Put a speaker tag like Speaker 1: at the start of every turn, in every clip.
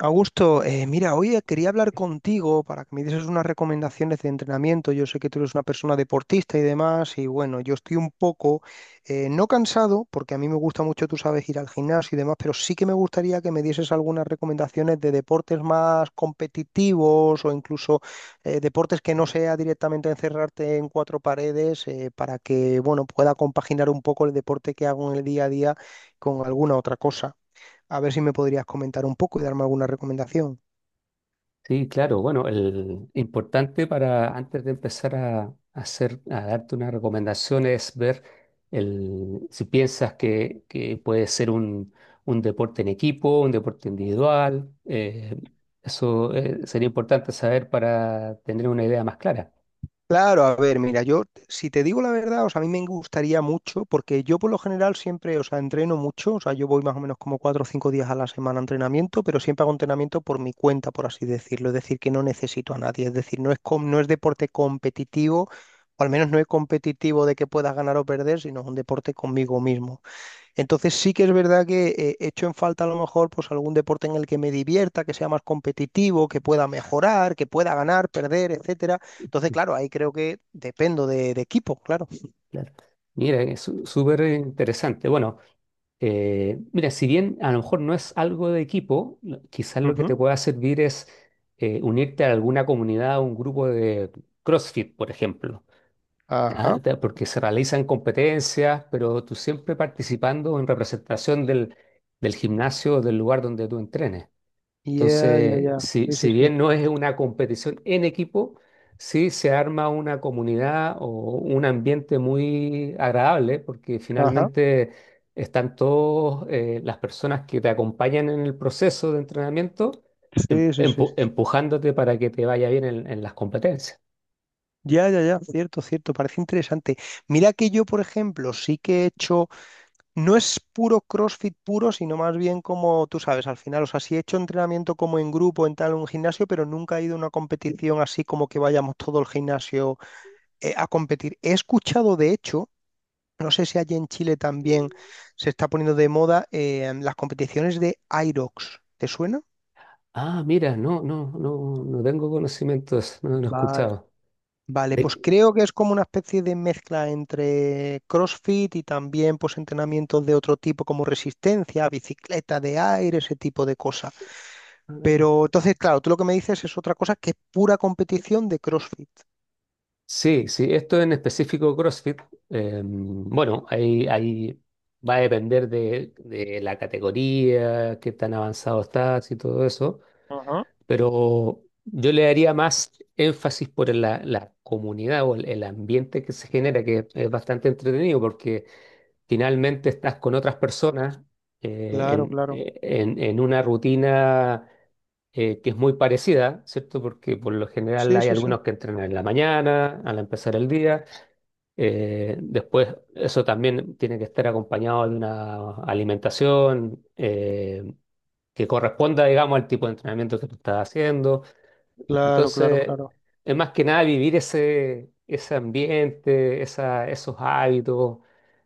Speaker 1: Augusto, mira, hoy quería hablar contigo para que me dieses unas recomendaciones de entrenamiento. Yo sé que tú eres una persona deportista y demás, y bueno, yo estoy un poco, no cansado, porque a mí me gusta mucho, tú sabes, ir al gimnasio y demás, pero sí que me gustaría que me dieses algunas recomendaciones de deportes más competitivos o incluso deportes que no sea directamente encerrarte en cuatro paredes, para que, bueno, pueda compaginar un poco el deporte que hago en el día a día con alguna otra cosa. A ver si me podrías comentar un poco y darme alguna recomendación.
Speaker 2: Sí, claro. Bueno, el importante para antes de empezar a darte una recomendación es ver si piensas que puede ser un deporte en equipo, un deporte individual. Eso sería importante saber para tener una idea más clara.
Speaker 1: Claro, a ver, mira, yo si te digo la verdad, o sea, a mí me gustaría mucho, porque yo por lo general siempre, o sea, entreno mucho, o sea, yo voy más o menos como cuatro o cinco días a la semana a entrenamiento, pero siempre hago entrenamiento por mi cuenta, por así decirlo, es decir, que no necesito a nadie, es decir, no es, no es deporte competitivo, o al menos no es competitivo de que puedas ganar o perder, sino es un deporte conmigo mismo. Entonces sí que es verdad que echo en falta a lo mejor pues algún deporte en el que me divierta, que sea más competitivo, que pueda mejorar, que pueda ganar, perder, etcétera. Entonces, claro, ahí creo que dependo de equipo, claro.
Speaker 2: Claro. Mira, es súper interesante. Bueno, mira, si bien a lo mejor no es algo de equipo, quizás lo que
Speaker 1: Ujú.
Speaker 2: te pueda servir es unirte a alguna comunidad, un grupo de CrossFit, por ejemplo.
Speaker 1: Ajá.
Speaker 2: Porque se realizan competencias, pero tú siempre participando en representación del gimnasio, del lugar donde tú entrenes.
Speaker 1: Ya, ya,
Speaker 2: Entonces,
Speaker 1: ya. Sí, sí,
Speaker 2: si
Speaker 1: sí.
Speaker 2: bien no es una competición en equipo, sí se arma una comunidad o un ambiente muy agradable porque
Speaker 1: Ajá.
Speaker 2: finalmente están todas las personas que te acompañan en el proceso de entrenamiento
Speaker 1: Sí, sí, sí, sí, sí.
Speaker 2: empujándote para que te vaya bien en las competencias.
Speaker 1: Ya, ya, ya. Cierto, cierto. Parece interesante. Mira que yo, por ejemplo, sí que he hecho. No es puro CrossFit puro, sino más bien como tú sabes, al final, o sea, sí he hecho entrenamiento como en grupo, en tal, un gimnasio, pero nunca he ido a una competición así como que vayamos todo el gimnasio a competir. He escuchado, de hecho, no sé si allí en Chile también se está poniendo de moda las competiciones de Irox. ¿Te suena?
Speaker 2: Ah, mira, no, no, no, no tengo conocimientos, no, no he
Speaker 1: Vale.
Speaker 2: escuchado.
Speaker 1: Vale, pues
Speaker 2: De-
Speaker 1: creo que es como una especie de mezcla entre CrossFit y también pues entrenamientos de otro tipo como resistencia, bicicleta de aire, ese tipo de cosas. Pero entonces, claro, tú lo que me dices es otra cosa que es pura competición de CrossFit.
Speaker 2: Sí, sí, esto en específico CrossFit. Bueno, ahí va a depender de la categoría, qué tan avanzado estás y todo eso,
Speaker 1: Ajá.
Speaker 2: pero yo le daría más énfasis por la comunidad o el ambiente que se genera, que es bastante entretenido porque finalmente estás con otras personas
Speaker 1: Claro, claro.
Speaker 2: en una rutina que es muy parecida, ¿cierto? Porque por lo general
Speaker 1: Sí,
Speaker 2: hay
Speaker 1: sí, sí.
Speaker 2: algunos que entrenan en la mañana, al empezar el día. Después, eso también tiene que estar acompañado de una alimentación que corresponda, digamos, al tipo de entrenamiento que tú estás haciendo.
Speaker 1: Claro, claro,
Speaker 2: Entonces,
Speaker 1: claro.
Speaker 2: es más que nada vivir ese, ese ambiente, esos hábitos.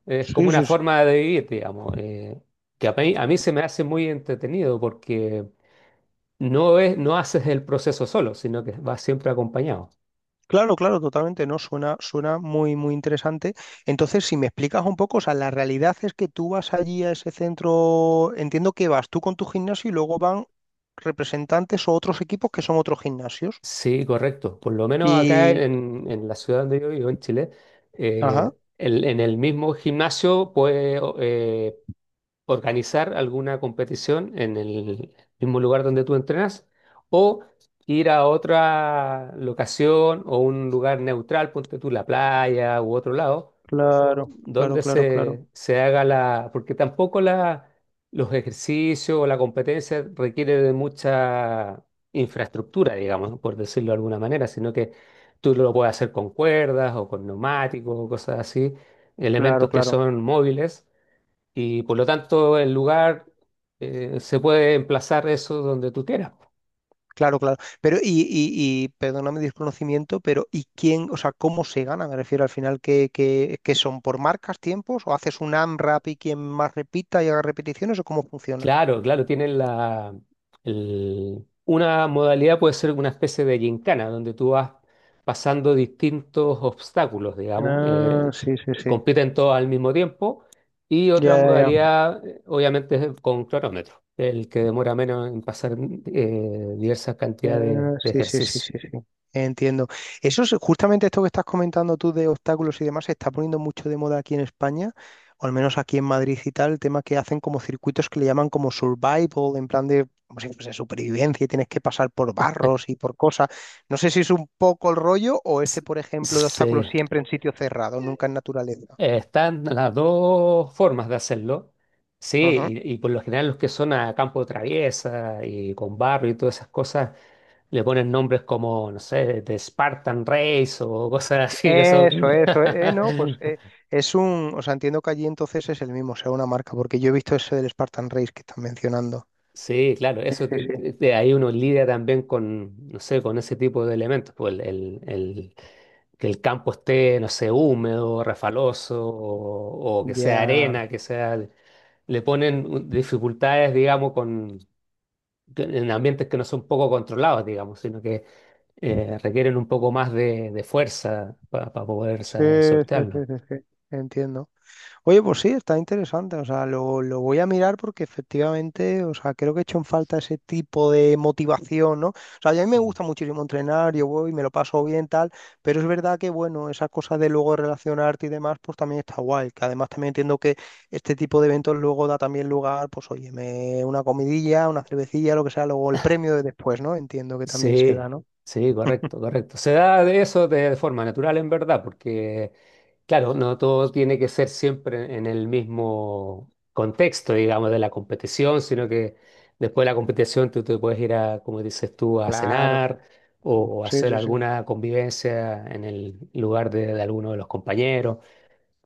Speaker 2: Es como
Speaker 1: Sí,
Speaker 2: una
Speaker 1: sí, sí.
Speaker 2: forma de vivir, digamos. Que a mí se me hace muy entretenido porque no haces el proceso solo, sino que vas siempre acompañado.
Speaker 1: Claro, claro, totalmente, ¿no? Suena, suena muy, muy interesante. Entonces, si me explicas un poco, o sea, la realidad es que tú vas allí a ese centro, entiendo que vas tú con tu gimnasio y luego van representantes o otros equipos que son otros gimnasios.
Speaker 2: Sí, correcto. Por lo menos acá
Speaker 1: Y,
Speaker 2: en la ciudad donde yo vivo, en Chile,
Speaker 1: ajá,
Speaker 2: en el mismo gimnasio puede organizar alguna competición en el mismo lugar donde tú entrenas o ir a otra locación o un lugar neutral, ponte tú la playa u otro lado,
Speaker 1: claro, claro,
Speaker 2: donde
Speaker 1: claro, claro,
Speaker 2: se haga porque tampoco los ejercicios o la competencia requiere de mucha infraestructura, digamos, ¿no? Por decirlo de alguna manera, sino que tú lo puedes hacer con cuerdas o con neumáticos o cosas así,
Speaker 1: claro,
Speaker 2: elementos que
Speaker 1: claro.
Speaker 2: son móviles y por lo tanto el lugar se puede emplazar eso donde tú quieras.
Speaker 1: Claro, claro. Pero, y perdóname mi desconocimiento, pero ¿y quién, o sea, cómo se gana? Me refiero al final, ¿qué, qué, qué son? ¿Por marcas, tiempos? ¿O haces un AMRAP y quien más repita y haga repeticiones? ¿O cómo funciona?
Speaker 2: Claro, claro, tienen una modalidad puede ser una especie de gincana, donde tú vas pasando distintos obstáculos, digamos.
Speaker 1: Ah, sí, sí, sí.
Speaker 2: Compiten todos al mismo tiempo, y otra
Speaker 1: Ya, ya, ya.
Speaker 2: modalidad, obviamente, es con cronómetro, el que demora menos en pasar diversas cantidades
Speaker 1: Ah,
Speaker 2: de
Speaker 1: sí, sí, sí,
Speaker 2: ejercicios.
Speaker 1: sí, sí. Entiendo. Eso es justamente esto que estás comentando tú de obstáculos y demás, se está poniendo mucho de moda aquí en España, o al menos aquí en Madrid y tal, el tema que hacen como circuitos que le llaman como survival, en plan de, como si fuese supervivencia y tienes que pasar por barros y por cosas. No sé si es un poco el rollo o este, por ejemplo, de
Speaker 2: Sí,
Speaker 1: obstáculos siempre en sitio cerrado, nunca en naturaleza.
Speaker 2: Están las dos formas de hacerlo. Sí,
Speaker 1: Ujú.
Speaker 2: y por lo general los que son a campo de traviesa y con barro y todas esas cosas le ponen nombres como, no sé, de Spartan Race o cosas así que
Speaker 1: Eso,
Speaker 2: son.
Speaker 1: eso, no, pues. Es un, o sea, entiendo que allí entonces es el mismo, o sea, una marca, porque yo he visto ese del Spartan Race que están mencionando.
Speaker 2: Sí, claro,
Speaker 1: Sí,
Speaker 2: eso
Speaker 1: sí, sí.
Speaker 2: ahí uno lidia también con, no sé, con ese tipo de elementos, pues que el campo esté, no sé, húmedo, refaloso o que sea
Speaker 1: Ya.
Speaker 2: arena, que sea le ponen dificultades, digamos, con en ambientes que no son poco controlados, digamos, sino que requieren un poco más de fuerza para poder
Speaker 1: Sí, sí, sí,
Speaker 2: sortearlo.
Speaker 1: sí, sí, entiendo. Oye, pues sí, está interesante, o sea, lo voy a mirar porque efectivamente, o sea, creo que he hecho en falta ese tipo de motivación, ¿no? O sea, a mí me
Speaker 2: Mm.
Speaker 1: gusta muchísimo entrenar, yo voy, me lo paso bien, tal, pero es verdad que, bueno, esas cosas de luego relacionarte y demás, pues también está guay, que además también entiendo que este tipo de eventos luego da también lugar, pues oye, una comidilla, una cervecilla, lo que sea, luego el premio de después, ¿no? Entiendo que también se da,
Speaker 2: Sí,
Speaker 1: ¿no?
Speaker 2: sí, correcto, correcto. Se da de eso de forma natural en verdad, porque, claro, no todo tiene que ser siempre en el mismo contexto, digamos, de la competición, sino que después de la competición tú te puedes ir a, como dices tú, a
Speaker 1: Claro,
Speaker 2: cenar
Speaker 1: claro.
Speaker 2: o
Speaker 1: Sí,
Speaker 2: hacer
Speaker 1: sí, sí.
Speaker 2: alguna convivencia en el lugar de alguno de los compañeros.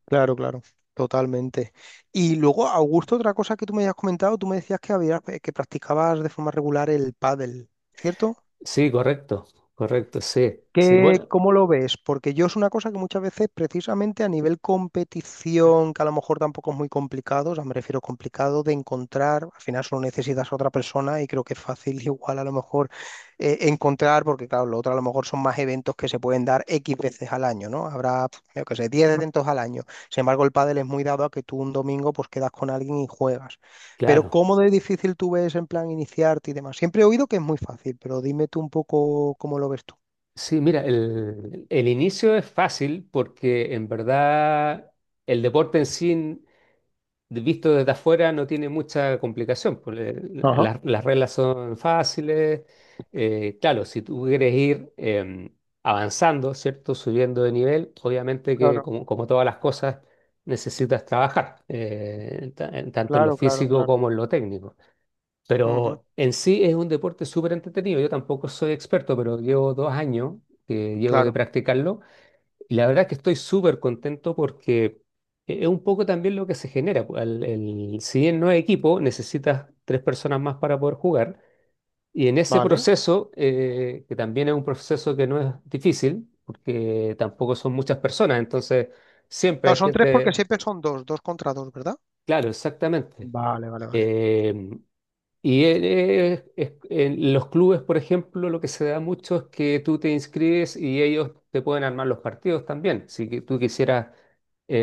Speaker 1: Claro, claro, totalmente. Y luego, Augusto, otra cosa que tú me habías comentado, tú me decías que habías, que practicabas de forma regular el pádel, ¿cierto?
Speaker 2: Sí, correcto, correcto, sí, sí,
Speaker 1: ¿Qué,
Speaker 2: bueno,
Speaker 1: cómo lo ves? Porque yo es una cosa que muchas veces, precisamente a nivel competición, que a lo mejor tampoco es muy complicado, o sea, me refiero complicado de encontrar, al final solo necesitas a otra persona y creo que es fácil igual a lo mejor encontrar, porque claro, lo otro a lo mejor son más eventos que se pueden dar X veces al año, ¿no? Habrá, pf, yo qué sé, 10 eventos al año. Sin embargo, el pádel es muy dado a que tú un domingo pues quedas con alguien y juegas. Pero
Speaker 2: claro.
Speaker 1: ¿cómo de difícil tú ves en plan iniciarte y demás? Siempre he oído que es muy fácil, pero dime tú un poco cómo lo ves tú.
Speaker 2: Sí, mira, el inicio es fácil porque en verdad el deporte en sí, visto desde afuera, no tiene mucha complicación. Pues,
Speaker 1: Ajá.
Speaker 2: las reglas son fáciles. Claro, si tú quieres ir avanzando, ¿cierto? Subiendo de nivel, obviamente que
Speaker 1: Claro,
Speaker 2: como, como todas las cosas necesitas trabajar, tanto en lo
Speaker 1: claro, claro,
Speaker 2: físico
Speaker 1: claro.
Speaker 2: como en lo técnico.
Speaker 1: Ujú,
Speaker 2: Pero en sí es un deporte súper entretenido. Yo tampoco soy experto, pero llevo 2 años que llevo de
Speaker 1: claro,
Speaker 2: practicarlo. Y la verdad es que estoy súper contento porque e-, es un poco también lo que se genera. Pues, si bien no es equipo, necesitas 3 personas más para poder jugar. Y en ese
Speaker 1: vale.
Speaker 2: proceso, que también es un proceso que no es difícil, porque tampoco son muchas personas, entonces siempre hay
Speaker 1: Claro, son tres porque
Speaker 2: gente,
Speaker 1: siempre son dos, dos contra dos, ¿verdad?
Speaker 2: claro, exactamente.
Speaker 1: Vale, vale, vale.
Speaker 2: Em, Y en los clubes, por ejemplo, lo que se da mucho es que tú te inscribes y ellos te pueden armar los partidos también. Si que tú quisieras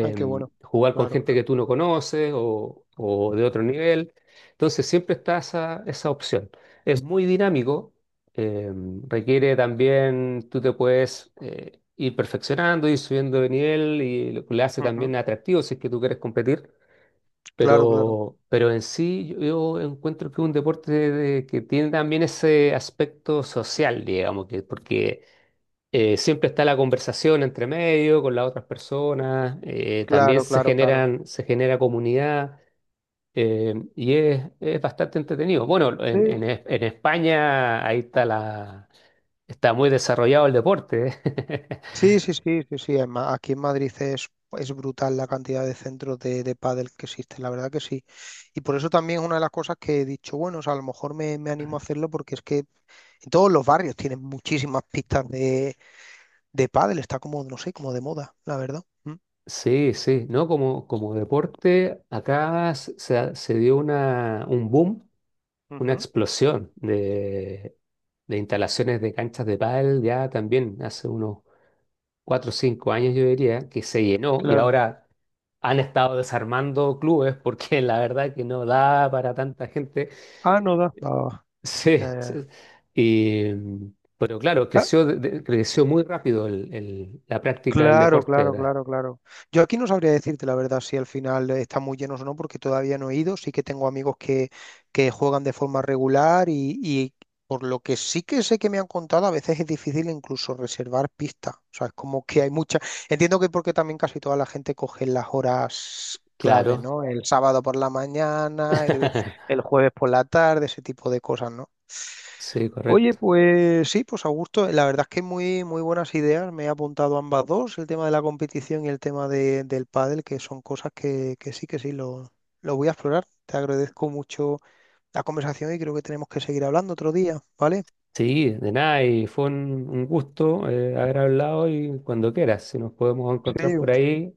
Speaker 1: Ay, qué bueno.
Speaker 2: jugar con
Speaker 1: Claro,
Speaker 2: gente
Speaker 1: claro.
Speaker 2: que tú no conoces o de otro nivel, entonces siempre está esa, esa opción. Es muy dinámico. Requiere también, tú te puedes ir perfeccionando, ir subiendo de nivel y lo que le hace también
Speaker 1: Ujú,
Speaker 2: atractivo si es que tú quieres competir.
Speaker 1: claro, claro,
Speaker 2: Pero en sí yo encuentro que es un deporte que tiene también ese aspecto social, digamos, que, porque siempre está la conversación entre medio con las otras personas. También
Speaker 1: claro,
Speaker 2: se
Speaker 1: claro, claro.
Speaker 2: generan, se genera comunidad. Y es bastante entretenido. Bueno,
Speaker 1: Sí,
Speaker 2: en en España ahí está la, está muy desarrollado el deporte. ¿Eh?
Speaker 1: sí, sí, sí, sí, sí. Aquí en Madrid es brutal la cantidad de centros de pádel que existen, la verdad que sí. Y por eso también es una de las cosas que he dicho, bueno, o sea, a lo mejor me, me animo a hacerlo porque es que en todos los barrios tienen muchísimas pistas de pádel, está como, no sé, como de moda, la verdad. Mm.
Speaker 2: Sí, sí, ¿no? Como, como deporte, acá se, se dio una, un boom, una
Speaker 1: Ujú.
Speaker 2: explosión de instalaciones de canchas de pádel ya también hace unos 4 o 5 años yo diría que se llenó y
Speaker 1: Claro.
Speaker 2: ahora han estado desarmando clubes porque la verdad que no da para tanta gente.
Speaker 1: Ah, no
Speaker 2: Eh,
Speaker 1: da. Ah,
Speaker 2: Sí,
Speaker 1: ya,
Speaker 2: sí.
Speaker 1: ya.
Speaker 2: Y, mm, pero claro,
Speaker 1: Ah,
Speaker 2: creció, creció muy rápido la práctica del
Speaker 1: claro,
Speaker 2: deporte,
Speaker 1: claro,
Speaker 2: ¿verdad?
Speaker 1: claro, claro. Yo aquí no sabría decirte la verdad si al final está muy lleno o no, porque todavía no he ido. Sí que tengo amigos que juegan de forma regular y por lo que sí que sé que me han contado, a veces es difícil incluso reservar pistas. O sea, es como que hay mucha. Entiendo que porque también casi toda la gente coge las horas clave,
Speaker 2: Claro.
Speaker 1: ¿no? El sábado por la mañana, el jueves por la tarde, ese tipo de cosas, ¿no?
Speaker 2: Sí,
Speaker 1: Oye,
Speaker 2: correcto.
Speaker 1: pues sí, pues Augusto, la verdad es que muy, muy buenas ideas. Me he apuntado ambas dos, el tema de la competición y el tema del pádel, que son cosas que sí, lo voy a explorar. Te agradezco mucho la conversación y creo que tenemos que seguir hablando otro día, ¿vale?
Speaker 2: Sí, de nada, y fue un gusto haber hablado y cuando quieras, si nos podemos encontrar
Speaker 1: Sí,
Speaker 2: por ahí,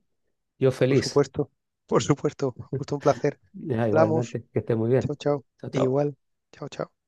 Speaker 2: yo
Speaker 1: por
Speaker 2: feliz.
Speaker 1: supuesto, por supuesto. Justo un placer.
Speaker 2: Ya,
Speaker 1: Hablamos.
Speaker 2: igualmente, que esté muy bien.
Speaker 1: Chao, chao.
Speaker 2: Chao, chao.
Speaker 1: Igual. Chao, chao.